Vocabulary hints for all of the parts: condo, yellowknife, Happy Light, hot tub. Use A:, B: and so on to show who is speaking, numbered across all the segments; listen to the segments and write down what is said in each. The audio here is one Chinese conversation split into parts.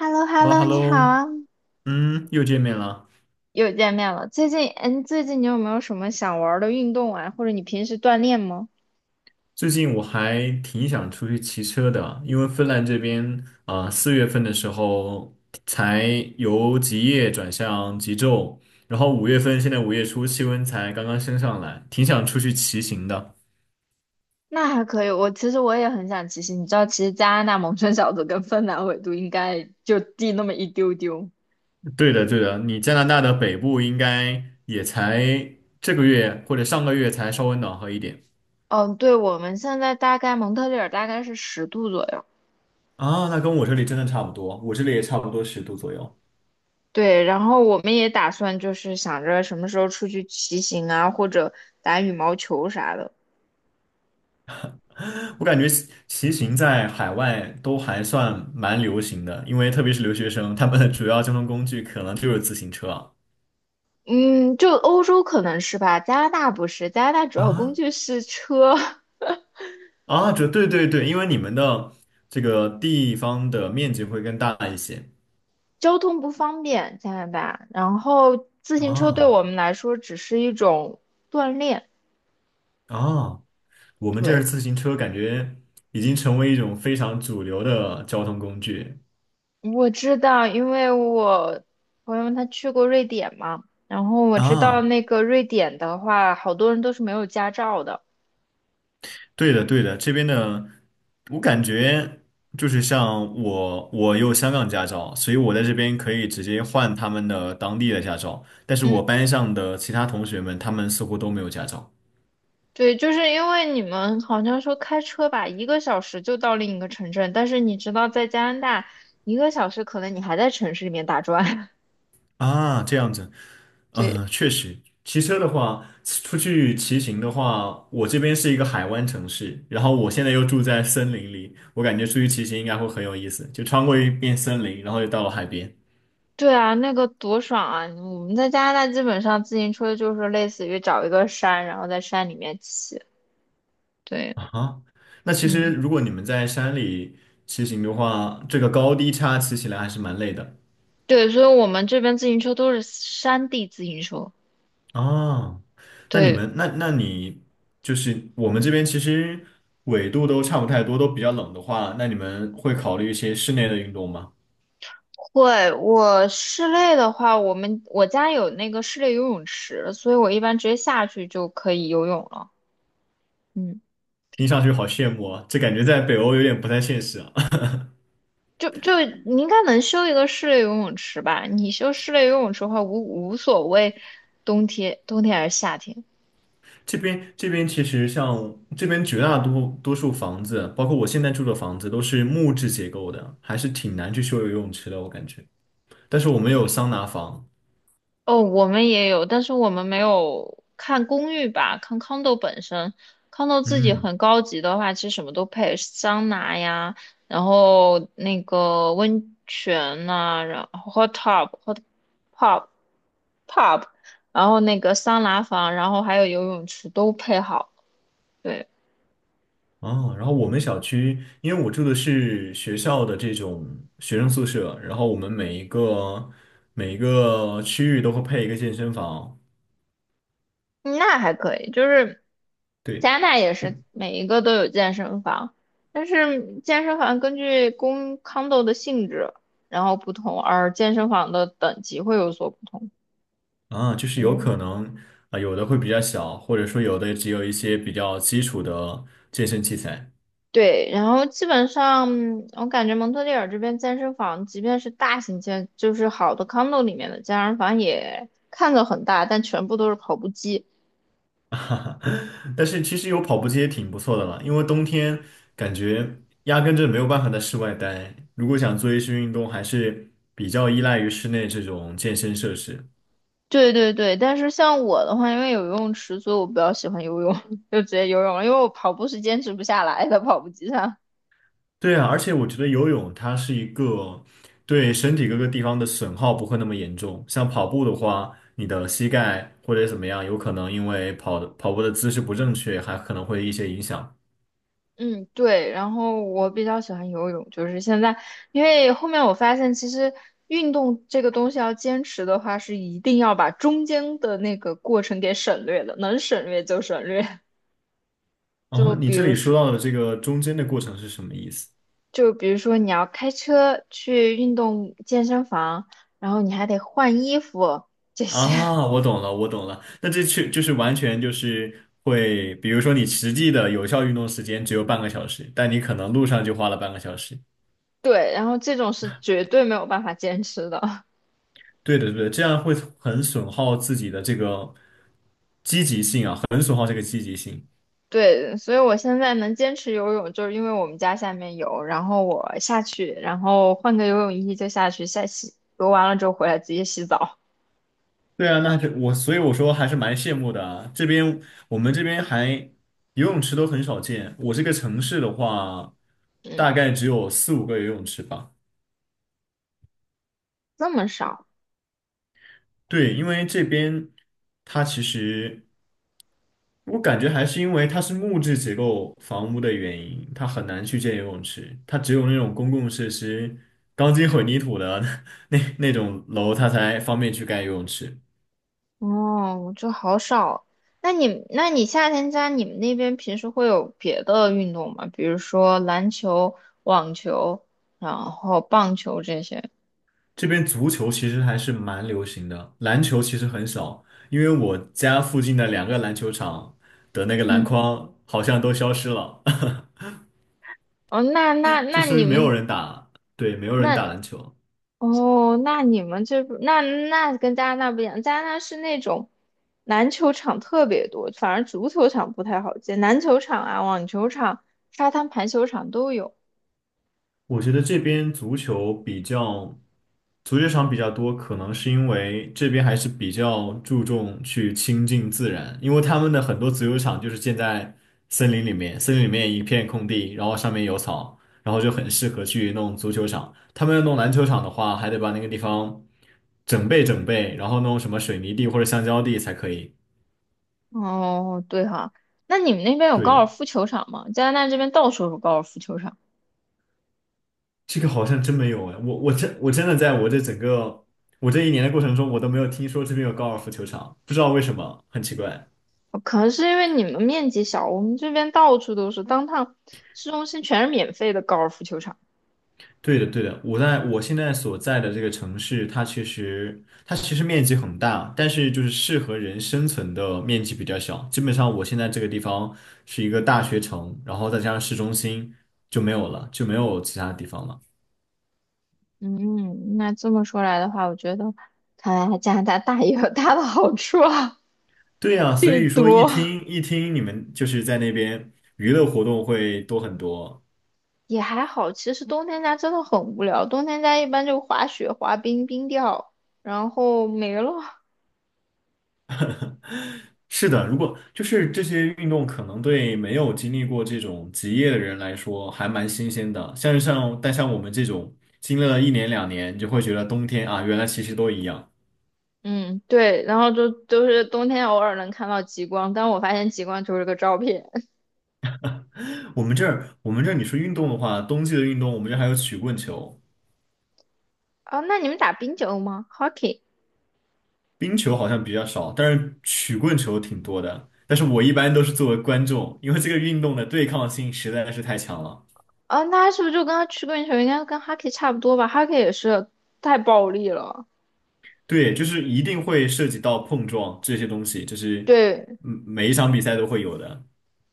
A: h e l l o h e
B: h
A: l l
B: e l l o h
A: o
B: e l l
A: 你好
B: o
A: 啊，
B: 嗯，又见面了。
A: 又见面了。最近，最近你有没有什么想玩儿的运动啊？或者你平时锻炼吗？
B: 最近我还挺想出去骑车的，因为芬兰这边啊，4月份的时候才由极夜转向极昼，然后5月份现在5月初气温才刚刚升上来，挺想出去骑行的。
A: 那还可以，我其实我也很想骑行。你知道，其实加拿大蒙春小组跟芬兰纬度应该就低那么一丢丢。
B: 对的，对的，你加拿大的北部应该也才这个月或者上个月才稍微暖和一点。
A: 嗯，对，我们现在大概蒙特利尔大概是10度左右。
B: 啊，那跟我这里真的差不多，我这里也差不多10度左右。
A: 对，然后我们也打算就是想着什么时候出去骑行啊，或者打羽毛球啥的。
B: 我感觉骑行在海外都还算蛮流行的，因为特别是留学生，他们的主要交通工具可能就是自行车啊。
A: 嗯，就欧洲可能是吧，加拿大不是，加拿大主要工
B: 啊
A: 具是车。
B: 啊，这对对对，因为你们的这个地方的面积会更大一些。
A: 交通不方便，加拿大。然后自行车对
B: 啊
A: 我们来说只是一种锻炼。
B: 啊，我们这儿
A: 对，
B: 自行车感觉已经成为一种非常主流的交通工具。
A: 我知道，因为我朋友他去过瑞典嘛，然后我知道
B: 啊。
A: 那个瑞典的话，好多人都是没有驾照的。
B: 对的，对的，这边的我感觉就是像我有香港驾照，所以我在这边可以直接换他们的当地的驾照。但是我
A: 嗯，
B: 班上的其他同学们，他们似乎都没有驾照。
A: 对，就是因为你们好像说开车吧，一个小时就到另一个城镇，但是你知道在加拿大，一个小时可能你还在城市里面打转。
B: 啊，这样子，
A: 对。
B: 嗯、确实，骑车的话，出去骑行的话，我这边是一个海湾城市，然后我现在又住在森林里，我感觉出去骑行应该会很有意思，就穿过一片森林，然后就到了海边。
A: 对啊，那个多爽啊！我们在加拿大基本上自行车就是类似于找一个山，然后在山里面骑。对，
B: 啊哈，那其实
A: 嗯，
B: 如果你们在山里骑行的话，这个高低差骑起来还是蛮累的。
A: 对，所以我们这边自行车都是山地自行车。
B: 啊。那你
A: 对，
B: 们，那你就是我们这边其实纬度都差不太多，都比较冷的话，那你们会考虑一些室内的运动吗？
A: 会。我室内的话，我们我家有那个室内游泳池，所以我一般直接下去就可以游泳了。嗯，
B: 听上去好羡慕啊，这感觉在北欧有点不太现实啊。
A: 就你应该能修一个室内游泳池吧？你修室内游泳池的话，无所谓冬天还是夏天。
B: 这边其实像这边绝大多数房子，包括我现在住的房子，都是木质结构的，还是挺难去修游泳池的，我感觉。但是我们有桑拿房。
A: 哦，我们也有，但是我们没有看公寓吧，看 condo 本身。condo 自己
B: 嗯，
A: 很高级的话，其实什么都配，桑拿呀，然后那个温泉呐、然后 hot tub、hot pub、pub，然后那个桑拿房，然后还有游泳池都配好了。对，
B: 哦，然后我们小区，因为我住的是学校的这种学生宿舍，然后我们每一个区域都会配一个健身房，
A: 嗯那还可以，就是
B: 对，
A: 加拿大也是
B: 因
A: 每一个都有健身房，但是健身房根据公 condo 的性质，然后不同，而健身房的等级会有所不同。
B: 啊，就是有
A: 嗯，
B: 可能啊，有的会比较小，或者说有的只有一些比较基础的健身器材，
A: 对，然后基本上我感觉蒙特利尔这边健身房，即便是大型健，就是好的 condo 里面的健身房也看着很大，但全部都是跑步机。
B: 哈哈，但是其实有跑步机也挺不错的了，因为冬天感觉压根就没有办法在室外待，如果想做一些运动，还是比较依赖于室内这种健身设施。
A: 对对对，但是像我的话，因为有游泳池，所以我比较喜欢游泳，就直接游泳了，因为我跑步是坚持不下来的，跑步机上。
B: 对啊，而且我觉得游泳它是一个对身体各个地方的损耗不会那么严重。像跑步的话，你的膝盖或者怎么样，有可能因为跑步的姿势不正确，还可能会一些影响。
A: 嗯，对，然后我比较喜欢游泳，就是现在，因为后面我发现，其实运动这个东西要坚持的话，是一定要把中间的那个过程给省略的，能省略就省略。就
B: 啊，你
A: 比
B: 这
A: 如
B: 里说
A: 说，
B: 到的这个中间的过程是什么意思？
A: 就比如说你要开车去运动健身房，然后你还得换衣服这些。
B: 啊，我懂了，我懂了。那这确就是完全就是会，比如说你实际的有效运动时间只有半个小时，但你可能路上就花了半个小时。
A: 对，然后这种是绝对没有办法坚持的。
B: 对的，对的，这样会很损耗自己的这个积极性啊。
A: 对，所以我现在能坚持游泳，就是因为我们家下面有，然后我下去，然后换个游泳衣就下去下洗，游完了之后回来直接洗澡。
B: 对啊，那这我所以我说还是蛮羡慕的啊。这边我们这边还游泳池都很少见，我这个城市的话，
A: 嗯，
B: 大概只有四五个游泳池吧。
A: 这么少
B: 对，因为这边它其实我感觉还是因为它是木质结构房屋的原因，它很难去建游泳池，它只有那种公共设施钢筋混凝土的 那种楼，它才方便去盖游泳池。
A: 哦，我就好少。那你夏天家你们那边平时会有别的运动吗？比如说篮球、网球，然后棒球这些？
B: 这边足球其实还是蛮流行的，篮球其实很少，因为我家附近的两个篮球场的那个篮
A: 嗯，
B: 筐好像都消失了，
A: 哦，那那
B: 就
A: 那
B: 说
A: 你
B: 明没有
A: 们
B: 人打，对，没有人
A: 那
B: 打篮球。
A: 哦，那你们这不那那跟加拿大不一样，加拿大是那种篮球场特别多，反而足球场不太好建，篮球场啊、网球场、沙滩排球场都有。
B: 我觉得这边足球比较，足球场比较多，可能是因为这边还是比较注重去亲近自然，因为他们的很多足球场就是建在森林里面，森林里面一片空地，然后上面有草，然后就很适合去弄足球场。他们要弄篮球场的话，还得把那个地方整备整备，然后弄什么水泥地或者橡胶地才可以。
A: 哦，对哈，那你们那边有高尔
B: 对。
A: 夫球场吗？加拿大这边到处有高尔夫球场，
B: 这个好像真没有哎，我真的在我这整个我这一年的过程中，我都没有听说这边有高尔夫球场，不知道为什么，很奇怪。
A: 哦可能是因为你们面积小，我们这边到处都是，当趟市中心全是免费的高尔夫球场。
B: 对的，对的，我在我现在所在的这个城市，它其实面积很大，但是就是适合人生存的面积比较小。基本上我现在这个地方是一个大学城，然后再加上市中心就没有了，就没有其他地方了。
A: 嗯，那这么说来的话，我觉得看来加拿大大也有大的好处啊。
B: 对呀，所
A: 最
B: 以说一
A: 多。
B: 听一听你们就是在那边娱乐活动会多很多，
A: 也还好。其实冬天家真的很无聊，冬天家一般就滑雪、滑冰、冰钓，然后没了。
B: 是的，如果就是这些运动，可能对没有经历过这种职业的人来说还蛮新鲜的。像是像，但像我们这种经历了一年两年，你就会觉得冬天啊，原来其实都一样。
A: 嗯，对，然后就都是冬天偶尔能看到极光，但我发现极光就是个照片。
B: 我们这儿你说运动的话，冬季的运动，我们这儿还有曲棍球、
A: 啊。那你们打冰球吗？Hockey？
B: 冰球好像比较少，但是曲棍球挺多的。但是我一般都是作为观众，因为这个运动的对抗性实在是太强了。
A: 啊，那是不是就跟他曲棍球应该跟 Hockey 差不多吧？Hockey 也是太暴力了。
B: 对，就是一定会涉及到碰撞这些东西，就是
A: 对
B: 每一场比赛都会有的。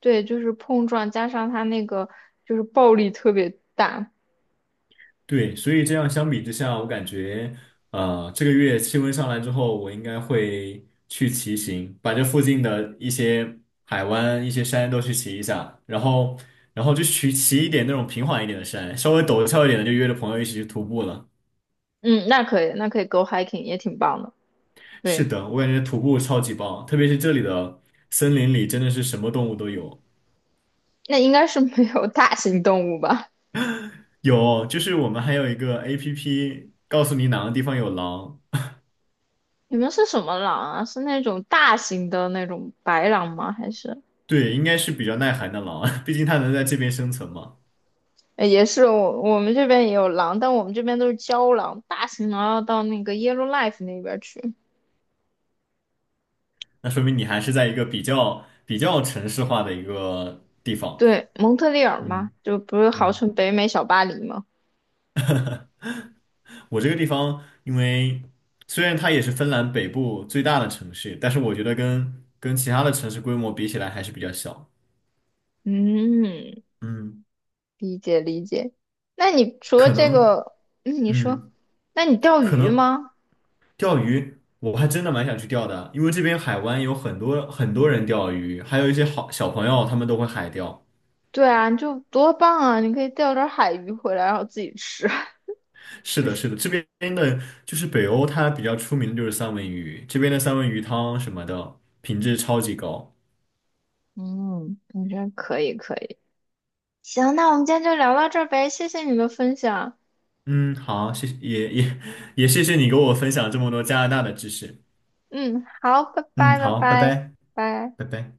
A: 对，就是碰撞加上他那个就是暴力特别大。
B: 对，所以这样相比之下，我感觉，这个月气温上来之后，我应该会去骑行，把这附近的一些海湾、一些山都去骑一下，然后就去骑一点那种平缓一点的山，稍微陡峭一点的，就约着朋友一起去徒步了。
A: 嗯，那可以，那可以 go hiking 也挺棒的。
B: 是
A: 对。
B: 的，我感觉徒步超级棒，特别是这里的森林里真的是什么动物都有，
A: 那应该是没有大型动物吧？
B: 有，就是我们还有一个 APP 告诉你哪个地方有狼，
A: 你们是什么狼啊？是那种大型的那种白狼吗？还是
B: 对，应该是比较耐寒的狼，毕竟它能在这边生存嘛。
A: 也是我们这边也有狼，但我们这边都是郊狼，大型狼要到那个 Yellowkife 那边去。
B: 那说明你还是在一个比较城市化的一个地方。
A: 对，蒙特利尔嘛，
B: 嗯
A: 就不是号
B: 嗯，
A: 称北美小巴黎吗？
B: 我这个地方，因为虽然它也是芬兰北部最大的城市，但是我觉得跟其他的城市规模比起来还是比较小。
A: 嗯，
B: 嗯，
A: 理解理解。那你除了
B: 可
A: 这
B: 能，
A: 个，嗯，你说，
B: 嗯，
A: 那你钓
B: 可
A: 鱼
B: 能
A: 吗？
B: 钓鱼，我还真的蛮想去钓的，因为这边海湾有很多很多人钓鱼，还有一些好小朋友他们都会海钓。
A: 对啊，你就多棒啊！你可以钓点海鱼回来，然后自己吃。
B: 是的，是的，这边的就是北欧，它比较出名的就是三文鱼，这边的三文鱼汤什么的，品质超级高。
A: 嗯，感觉可以可以。行，那我们今天就聊到这儿呗，谢谢你的分享。
B: 嗯，好，谢谢，也谢谢你给我分享这么多加拿大的知识。
A: 嗯，好，拜
B: 嗯，
A: 拜拜
B: 好，拜
A: 拜
B: 拜，
A: 拜。
B: 拜拜。